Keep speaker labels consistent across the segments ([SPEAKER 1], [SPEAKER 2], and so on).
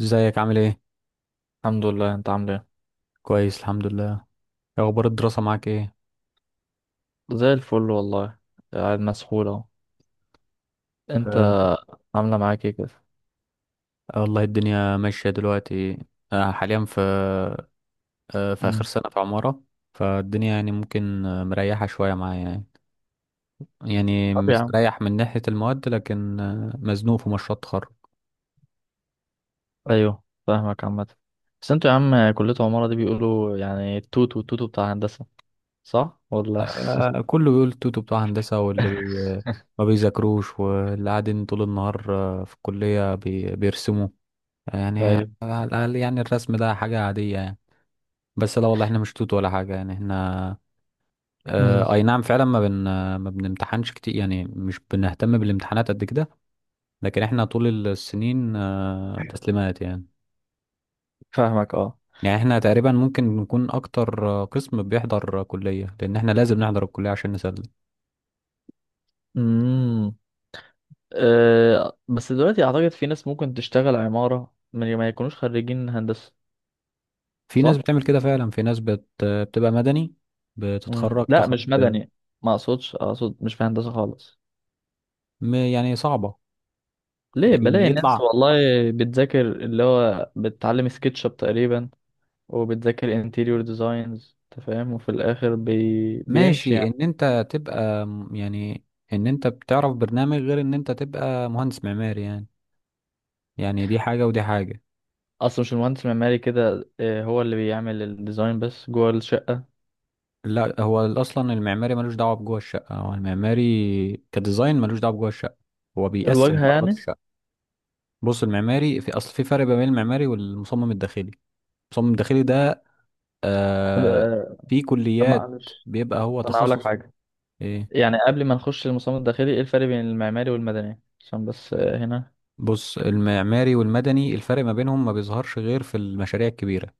[SPEAKER 1] ازيك؟ عامل ايه؟
[SPEAKER 2] الحمد لله، انت عامل ايه؟
[SPEAKER 1] كويس، الحمد لله. إيه اخبار الدراسة معاك؟ ايه؟
[SPEAKER 2] زي الفل والله. قاعد مسحول اهو. انت،
[SPEAKER 1] آه.
[SPEAKER 2] عامله معاك ايه كده؟
[SPEAKER 1] آه والله الدنيا ماشية دلوقتي. آه حاليا في اخر
[SPEAKER 2] امم.
[SPEAKER 1] سنة في عمارة. فالدنيا يعني ممكن مريحة شوية معايا يعني. يعني
[SPEAKER 2] طب يا عم،
[SPEAKER 1] مستريح من ناحية المواد، لكن مزنوق في مشروع التخرج.
[SPEAKER 2] ايوه فاهمك عامه. بس انتوا يا عم كليه عماره دي بيقولوا يعني التوت والتوتو بتاع هندسه، صح ولا؟
[SPEAKER 1] آه كله بيقول توتو بتوع هندسة، واللي ما بيذاكروش، واللي قاعدين طول النهار في الكلية بيرسموا يعني.
[SPEAKER 2] ايوه.
[SPEAKER 1] على الأقل يعني الرسم ده حاجة عادية يعني. بس لا والله، احنا مش توت ولا حاجة يعني. احنا
[SPEAKER 2] امم.
[SPEAKER 1] اه اي نعم فعلا ما بنمتحنش كتير، يعني مش بنهتم بالامتحانات قد كده. لكن احنا طول السنين اه تسليمات يعني.
[SPEAKER 2] فاهمك اه.
[SPEAKER 1] يعني احنا تقريبا ممكن نكون اكتر قسم بيحضر كلية، لان احنا لازم نحضر الكلية عشان نسلم.
[SPEAKER 2] امم. اه، بس دلوقتي اعتقد في ناس ممكن تشتغل عماره من غير ما يكونوش خريجين هندسه.
[SPEAKER 1] في ناس
[SPEAKER 2] صح.
[SPEAKER 1] بتعمل كده فعلا، في ناس بتبقى مدني،
[SPEAKER 2] امم،
[SPEAKER 1] بتتخرج
[SPEAKER 2] لا
[SPEAKER 1] تاخد.
[SPEAKER 2] مش مدني. ما اقصدش اقصد مش في هندسه خالص.
[SPEAKER 1] يعني صعبة
[SPEAKER 2] ليه
[SPEAKER 1] ان
[SPEAKER 2] بلاقي ناس
[SPEAKER 1] يطلع.
[SPEAKER 2] والله بتذاكر اللي هو بتتعلم سكتش اب تقريبا. وبتذاكر انتيريور ديزاينز، انت فاهم، وفي الاخر بيمشي
[SPEAKER 1] ماشي
[SPEAKER 2] يعني.
[SPEAKER 1] ان انت تبقى يعني ان انت بتعرف برنامج، غير ان انت تبقى مهندس معماري يعني. يعني دي حاجة ودي حاجة.
[SPEAKER 2] اصلا مش المهندس المعماري كده، هو اللي بيعمل الديزاين بس جوه الشقة.
[SPEAKER 1] لا، هو أصلا المعماري ملوش دعوة بجوه الشقة، هو المعماري كديزاين ملوش دعوة بجوه الشقة، هو بيقسم
[SPEAKER 2] الواجهة
[SPEAKER 1] فقرات
[SPEAKER 2] يعني.
[SPEAKER 1] الشقة. بص، المعماري في أصل، في فرق بين المعماري والمصمم الداخلي. المصمم الداخلي ده
[SPEAKER 2] طب
[SPEAKER 1] آه، في
[SPEAKER 2] طب
[SPEAKER 1] كليات
[SPEAKER 2] معلش،
[SPEAKER 1] بيبقى هو
[SPEAKER 2] طب انا هقول لك
[SPEAKER 1] تخصص.
[SPEAKER 2] حاجة.
[SPEAKER 1] إيه؟
[SPEAKER 2] يعني قبل ما نخش للمصمم الداخلي، ايه الفرق بين المعماري والمدني عشان بس هنا.
[SPEAKER 1] بص، المعماري والمدني الفرق ما بينهم ما بيظهرش غير في المشاريع الكبيرة.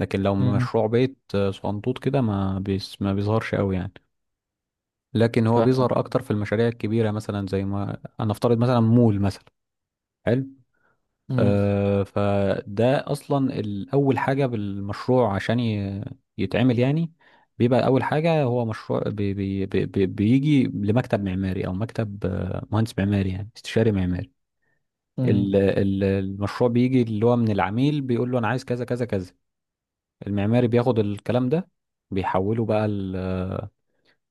[SPEAKER 1] لكن لو
[SPEAKER 2] مم.
[SPEAKER 1] مشروع بيت صغنطوط كده ما بيظهرش قوي يعني. لكن هو بيظهر
[SPEAKER 2] فاهمك.
[SPEAKER 1] اكتر في المشاريع الكبيره، مثلا زي ما انا افترض مثلا مول مثلا. حلو.
[SPEAKER 2] مم.
[SPEAKER 1] آه، فده اصلا اول حاجه بالمشروع عشان يتعمل يعني. بيبقى اول حاجه، هو مشروع بي بي بي بي بيجي لمكتب معماري، او مكتب مهندس معماري، يعني استشاري معماري.
[SPEAKER 2] مم.
[SPEAKER 1] المشروع بيجي اللي هو من العميل، بيقول له انا عايز كذا كذا كذا. المعماري بياخد الكلام ده، بيحوله بقى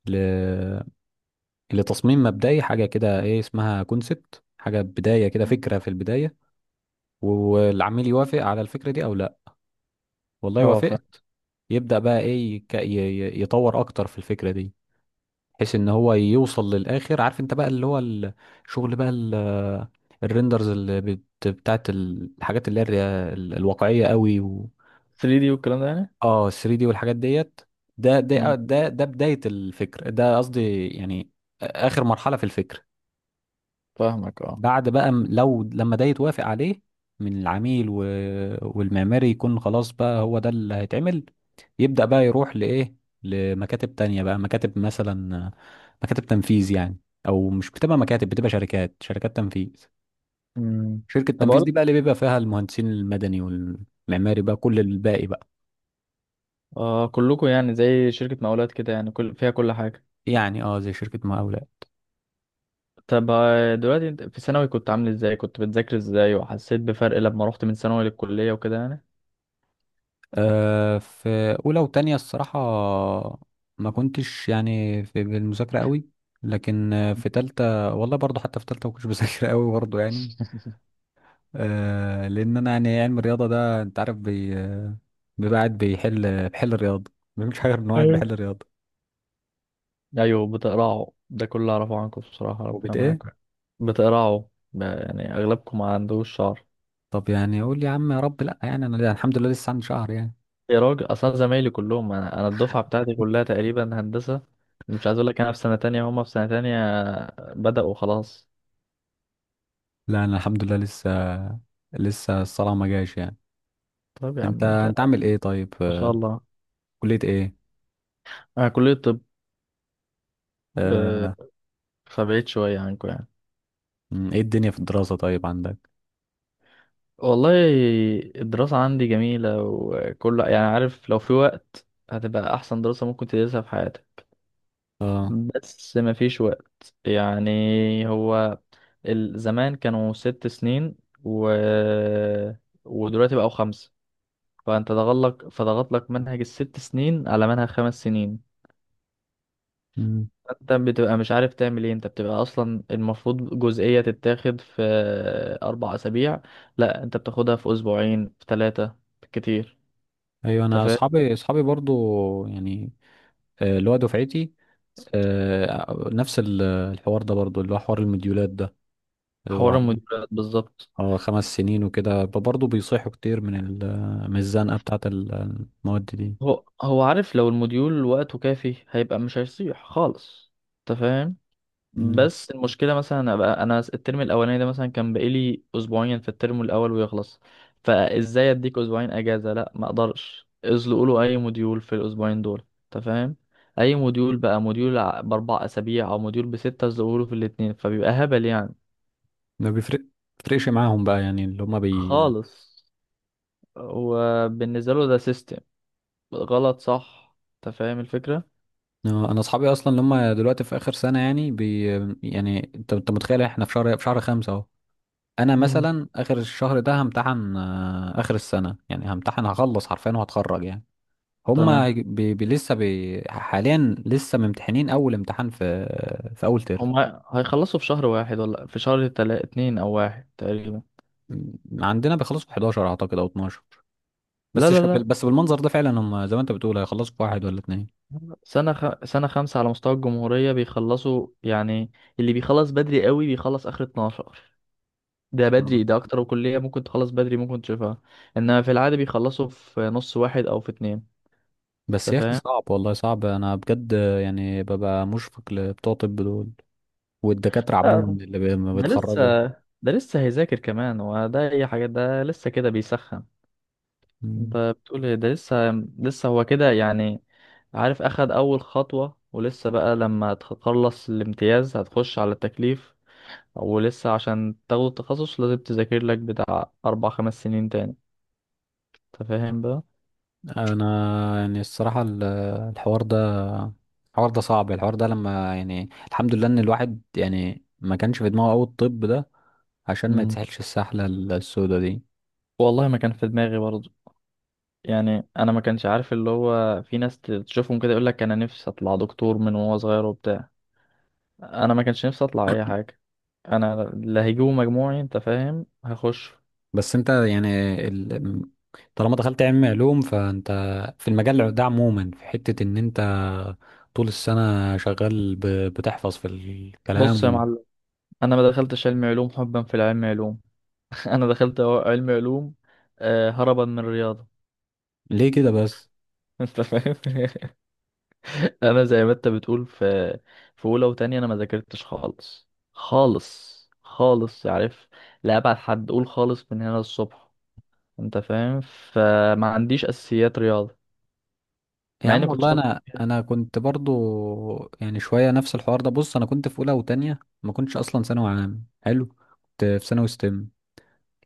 [SPEAKER 1] ل لتصميم مبدئي، حاجة كده ايه اسمها كونسبت، حاجة بداية كده، فكرة في البداية. والعميل يوافق على الفكرة دي او لا. والله
[SPEAKER 2] اه فاهم.
[SPEAKER 1] وافقت. يبدأ بقى ايه، يطور اكتر في الفكرة دي، بحيث ان هو يوصل للاخر. عارف انت بقى، اللي هو الشغل بقى الريندرز اللي بتاعت الحاجات اللي هي الواقعية قوي و...
[SPEAKER 2] 3D والكلام ده يعني.
[SPEAKER 1] اه 3D دي والحاجات ديت.
[SPEAKER 2] مم.
[SPEAKER 1] ده بداية الفكر ده قصدي يعني، آخر مرحلة في الفكر.
[SPEAKER 2] فاهمك اه.
[SPEAKER 1] بعد بقى لو لما ده يتوافق عليه من العميل و... والمعماري يكون خلاص، بقى هو ده اللي هيتعمل. يبدأ بقى يروح لإيه، لمكاتب تانية بقى، مكاتب، مثلا مكاتب تنفيذ يعني. أو مش بتبقى مكاتب، بتبقى شركات تنفيذ.
[SPEAKER 2] مم.
[SPEAKER 1] شركة
[SPEAKER 2] طب
[SPEAKER 1] التنفيذ
[SPEAKER 2] اقول،
[SPEAKER 1] دي بقى، اللي بيبقى فيها المهندسين المدني والمعماري بقى كل الباقي بقى.
[SPEAKER 2] كلكم يعني زي شركة مقاولات كده، يعني كل فيها كل حاجة.
[SPEAKER 1] يعني اه زي شركة مقاولة.
[SPEAKER 2] طب دلوقتي انت في ثانوي كنت عامل ازاي، كنت بتذاكر ازاي، وحسيت بفرق لما رحت من ثانوي للكلية وكده يعني.
[SPEAKER 1] في اولى وتانية الصراحه ما كنتش يعني في بالمذاكره قوي. لكن في تالتة والله برضو، حتى في تالتة ما كنتش بذاكر قوي برضو يعني. آه، لان انا يعني علم الرياضه ده، انت عارف بيبقى قاعد بيحل الرياضه، ما بيعملش حاجه غير انه قاعد
[SPEAKER 2] ايوه.
[SPEAKER 1] بيحل الرياضه.
[SPEAKER 2] ايوه بتقرعوا ده كله اعرفه عنكم بصراحة، ربنا
[SPEAKER 1] وبت ايه؟
[SPEAKER 2] معاكم. بتقرعوا. يعني اغلبكم ما عندوش شعر.
[SPEAKER 1] طب يعني اقول يا عم، يا رب لا، يعني انا الحمد لله لسه عندي شهر يعني.
[SPEAKER 2] يا راجل اصلا زمايلي كلهم، انا الدفعة بتاعتي كلها تقريبا هندسة. مش عايز اقول لك، انا في سنة تانية هما في سنة تانية. بدأوا خلاص.
[SPEAKER 1] لا انا الحمد لله لسه، لسه الصلاه ما جاش يعني.
[SPEAKER 2] طب يا
[SPEAKER 1] انت
[SPEAKER 2] عم انت،
[SPEAKER 1] انت عامل ايه طيب؟
[SPEAKER 2] ما شاء الله.
[SPEAKER 1] كليه ايه؟
[SPEAKER 2] انا كلية طب. آه،
[SPEAKER 1] آه،
[SPEAKER 2] فبعيد شوية عنكم يعني.
[SPEAKER 1] ايه الدنيا في الدراسه طيب عندك؟
[SPEAKER 2] والله الدراسة عندي جميلة، وكل يعني عارف لو في وقت هتبقى أحسن دراسة ممكن تدرسها في حياتك.
[SPEAKER 1] اه.
[SPEAKER 2] بس مفيش وقت يعني. هو زمان كانوا 6 سنين، و... ودلوقتي بقوا 5. فأنت ضغط لك فضغط لك منهج الست سنين على منهج 5 سنين.
[SPEAKER 1] مم.
[SPEAKER 2] انت بتبقى مش عارف تعمل ايه. انت بتبقى اصلا المفروض جزئية تتاخد في 4 اسابيع، لا انت بتاخدها في اسبوعين، في ثلاثة كتير.
[SPEAKER 1] ايوه،
[SPEAKER 2] انت
[SPEAKER 1] انا
[SPEAKER 2] فاهم،
[SPEAKER 1] اصحابي برضو يعني اللي هو دفعتي نفس الحوار ده برضو، اللي هو حوار المديولات ده. هو
[SPEAKER 2] حوار
[SPEAKER 1] عاملين
[SPEAKER 2] الموديولات بالظبط.
[SPEAKER 1] اه 5 سنين وكده، برضو بيصيحوا كتير من من الزنقه بتاعه المواد دي.
[SPEAKER 2] هو عارف لو الموديول وقته كافي هيبقى مش هيصيح خالص. انت فاهم.
[SPEAKER 1] مم.
[SPEAKER 2] بس المشكلة مثلا أبقى أنا الترم الأولاني ده مثلا كان بقالي أسبوعين في الترم الأول ويخلص. فإزاي أديك أسبوعين أجازة؟ لأ، ما أقدرش ازلقوا له أي موديول في الأسبوعين دول، أنت فاهم. أي موديول بقى، موديول ب4 أسابيع أو موديول ب6، ازلقوا له في الاتنين فبيبقى هبل يعني.
[SPEAKER 1] ما بيفرق بيفرقش معاهم بقى، يعني اللي هم بي
[SPEAKER 2] خالص. وبالنسبة له ده سيستم غلط، صح، أنت فاهم الفكرة.
[SPEAKER 1] انا اصحابي اصلا اللي هم دلوقتي في اخر سنه يعني بي. يعني انت متخيل، احنا في شهر خمسة اهو. انا
[SPEAKER 2] مم.
[SPEAKER 1] مثلا اخر الشهر ده همتحن اخر السنه يعني، همتحن هخلص حرفيا وهتخرج يعني. هما
[SPEAKER 2] تمام.
[SPEAKER 1] هيج- بي بي لسه بي حاليا لسه ممتحنين اول امتحان في، في اول ترم.
[SPEAKER 2] هم هيخلصوا في شهر واحد ولا في شهر اتنين، أو واحد تقريبا.
[SPEAKER 1] عندنا بيخلصوا في 11 اعتقد او 12.
[SPEAKER 2] لا لا لا،
[SPEAKER 1] بس بالمنظر ده فعلا هم زي ما انت بتقول هيخلصوا في واحد ولا اتنين.
[SPEAKER 2] سنة خمسة على مستوى الجمهورية بيخلصوا يعني. اللي بيخلص بدري قوي بيخلص آخر 12. ده بدري،
[SPEAKER 1] آه.
[SPEAKER 2] ده أكتر، وكلية ممكن تخلص بدري ممكن تشوفها. إنما في العادة بيخلصوا في نص واحد أو في اتنين.
[SPEAKER 1] بس
[SPEAKER 2] أنت
[SPEAKER 1] يا اخي
[SPEAKER 2] فاهم؟
[SPEAKER 1] صعب، والله صعب انا بجد. يعني ببقى مشفق لبتوع طب دول، والدكاتره
[SPEAKER 2] آه،
[SPEAKER 1] عموما اللي ما
[SPEAKER 2] ده لسه.
[SPEAKER 1] بيتخرجوا.
[SPEAKER 2] ده لسه هيذاكر كمان، وده أي حاجة، ده لسه كده بيسخن. أنت بتقول إيه؟ ده لسه. لسه هو كده يعني، عارف، أخد أول خطوة، ولسه بقى لما تخلص الامتياز هتخش على التكليف. ولسه عشان تاخد التخصص لازم تذاكر لك بتاع أربع خمس سنين تاني. أنت فاهم بقى؟
[SPEAKER 1] انا يعني الصراحه الحوار ده الحوار ده صعب، الحوار ده لما يعني الحمد لله ان الواحد يعني ما كانش في دماغه قوي الطب ده، عشان ما
[SPEAKER 2] مم.
[SPEAKER 1] يتسحلش السحله السوداء دي.
[SPEAKER 2] والله ما كان في دماغي برضه. يعني أنا ما كانش عارف، اللي هو في ناس تشوفهم كده يقول لك أنا نفسي أطلع دكتور من وهو صغير وبتاع. أنا ما كانش نفسي أطلع أي حاجة. أنا اللي هيجيبه مجموعي، أنت فاهم، هخش.
[SPEAKER 1] بس انت يعني ال... طالما دخلت علم علوم، فانت في المجال ده عموما في حته ان انت طول السنه شغال بتحفظ في
[SPEAKER 2] بص يا
[SPEAKER 1] الكلام.
[SPEAKER 2] معلم، أنا ما دخلتش علم علوم حبا في العلم علوم. أنا دخلت علم علوم هربا من الرياضة.
[SPEAKER 1] ليه كده بس؟
[SPEAKER 2] أنت فاهم؟ انا زي ما انت بتقول، في في اولى وتانية انا ما ذاكرتش خالص خالص خالص، عارف، لا ابعد حد، قول خالص من هنا للصبح. انت فاهم. فما عنديش اساسيات رياضه،
[SPEAKER 1] يا
[SPEAKER 2] مع اني
[SPEAKER 1] عم
[SPEAKER 2] كنت
[SPEAKER 1] والله
[SPEAKER 2] شاطر
[SPEAKER 1] انا
[SPEAKER 2] فيها.
[SPEAKER 1] انا كنت برضو يعني شويه نفس الحوار ده. بص، انا كنت في اولى وتانية ما كنتش اصلا ثانوي عام حلو، كنت في ثانوي ستيم.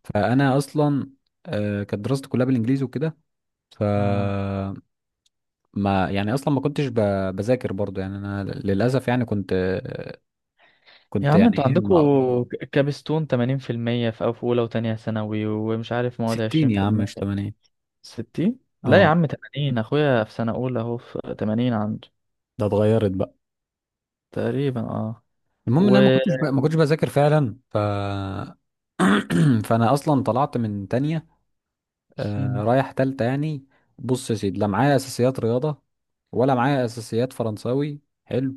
[SPEAKER 1] فانا اصلا كانت دراستي كلها بالانجليزي وكده. ف
[SPEAKER 2] مم.
[SPEAKER 1] ما يعني اصلا ما كنتش بذاكر برضو يعني. انا للاسف يعني
[SPEAKER 2] يا
[SPEAKER 1] كنت
[SPEAKER 2] عم
[SPEAKER 1] يعني
[SPEAKER 2] انتوا
[SPEAKER 1] ايه، ما
[SPEAKER 2] عندكوا كابستون 80% في المية في اولى وتانية ثانوي، ومش عارف مواد
[SPEAKER 1] 60 يا عم مش
[SPEAKER 2] 20%.
[SPEAKER 1] 80.
[SPEAKER 2] 60، لا يا
[SPEAKER 1] اه،
[SPEAKER 2] عم، 80. اخويا في سنه اولى اهو في 80 عنده
[SPEAKER 1] ده اتغيرت بقى.
[SPEAKER 2] تقريبا، اه.
[SPEAKER 1] المهم ان
[SPEAKER 2] و
[SPEAKER 1] انا ما كنتش بذاكر فعلا. ف فانا اصلا طلعت من تانية آه
[SPEAKER 2] مم.
[SPEAKER 1] رايح تالتة يعني. بص يا سيدي، لا معايا اساسيات رياضة، ولا معايا اساسيات فرنساوي حلو،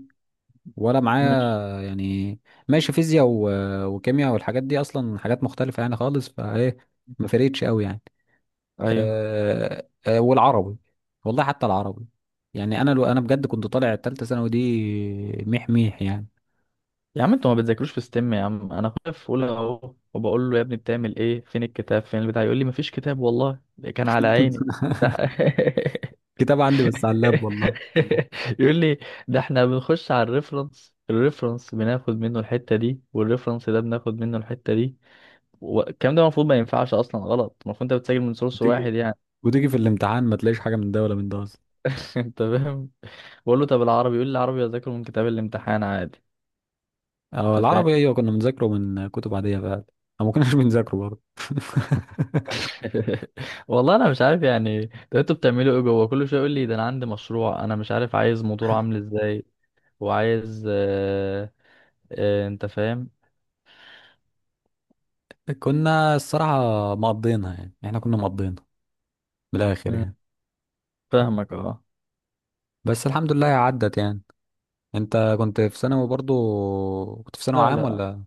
[SPEAKER 1] ولا معايا
[SPEAKER 2] ماشي.
[SPEAKER 1] يعني ماشي فيزياء وكيمياء، والحاجات دي اصلا حاجات مختلفة يعني خالص، فايه ما فرقتش قوي يعني.
[SPEAKER 2] ايوه.
[SPEAKER 1] والعربي، والله حتى العربي، يعني انا لو انا بجد كنت طالع التالتة ثانوي دي ميح ميح يعني.
[SPEAKER 2] يا عم انتوا ما بتذاكروش في ستيم. يا عم انا اخويا في اولى اهو، وبقول له يا ابني بتعمل ايه، فين الكتاب فين البتاع، يقول لي مفيش كتاب، والله ده كان على عيني. ده
[SPEAKER 1] كتاب عندي بس على اللاب والله.
[SPEAKER 2] يقول لي، ده احنا بنخش على الريفرنس، الريفرنس بناخد منه الحتة دي والريفرنس ده بناخد منه الحتة دي. والكلام ده المفروض ما ينفعش اصلا، غلط. المفروض انت بتسجل من سورس واحد
[SPEAKER 1] وتيجي
[SPEAKER 2] يعني.
[SPEAKER 1] وتيجي في الامتحان ما تلاقيش حاجة من ده ولا من ده.
[SPEAKER 2] انت فاهم. بقول له طب العربي، يقول لي العربي اذاكره من كتاب الامتحان عادي.
[SPEAKER 1] اه،
[SPEAKER 2] انت فاهم.
[SPEAKER 1] العربي ايوه كنا بنذاكره من كتب عادية فعلا، او ما كناش بنذاكره برضه.
[SPEAKER 2] والله انا مش عارف يعني. ده انتوا بتعملوا ايه جوه؟ كل شويه يقول لي ده انا عندي مشروع، انا مش عارف عايز موتور عامل ازاي، وعايز انت فاهم.
[SPEAKER 1] كنا الصراحة مقضينها، يعني احنا كنا مقضينها من الاخر
[SPEAKER 2] مم،
[SPEAKER 1] يعني.
[SPEAKER 2] فاهمك اه.
[SPEAKER 1] بس الحمد لله عدت يعني. انت كنت في ثانوي برضه، كنت في ثانوي
[SPEAKER 2] لا
[SPEAKER 1] عام
[SPEAKER 2] لا،
[SPEAKER 1] ولا؟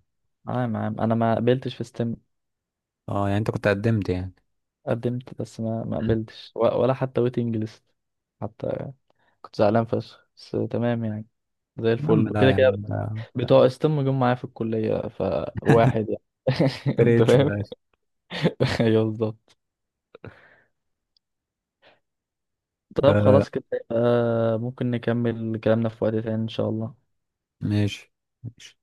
[SPEAKER 2] عام عام انا ما قبلتش في ستيم.
[SPEAKER 1] اه يعني انت كنت قدمت يعني.
[SPEAKER 2] قدمت بس ما قبلتش، ولا حتى ويتنج ليست حتى. كنت زعلان فشخ بس تمام يعني، زي
[SPEAKER 1] يا عم
[SPEAKER 2] الفل
[SPEAKER 1] لا
[SPEAKER 2] كده
[SPEAKER 1] يا
[SPEAKER 2] كده.
[SPEAKER 1] عم، ده
[SPEAKER 2] بتوع ستيم جم معايا في الكليه فواحد يعني. انت
[SPEAKER 1] فرقتش في
[SPEAKER 2] فاهم.
[SPEAKER 1] الاخر.
[SPEAKER 2] ايوه بالظبط. طب
[SPEAKER 1] آه،
[SPEAKER 2] خلاص كده، ممكن نكمل كلامنا في وقت تاني إن شاء الله.
[SPEAKER 1] ماشي. ماشي.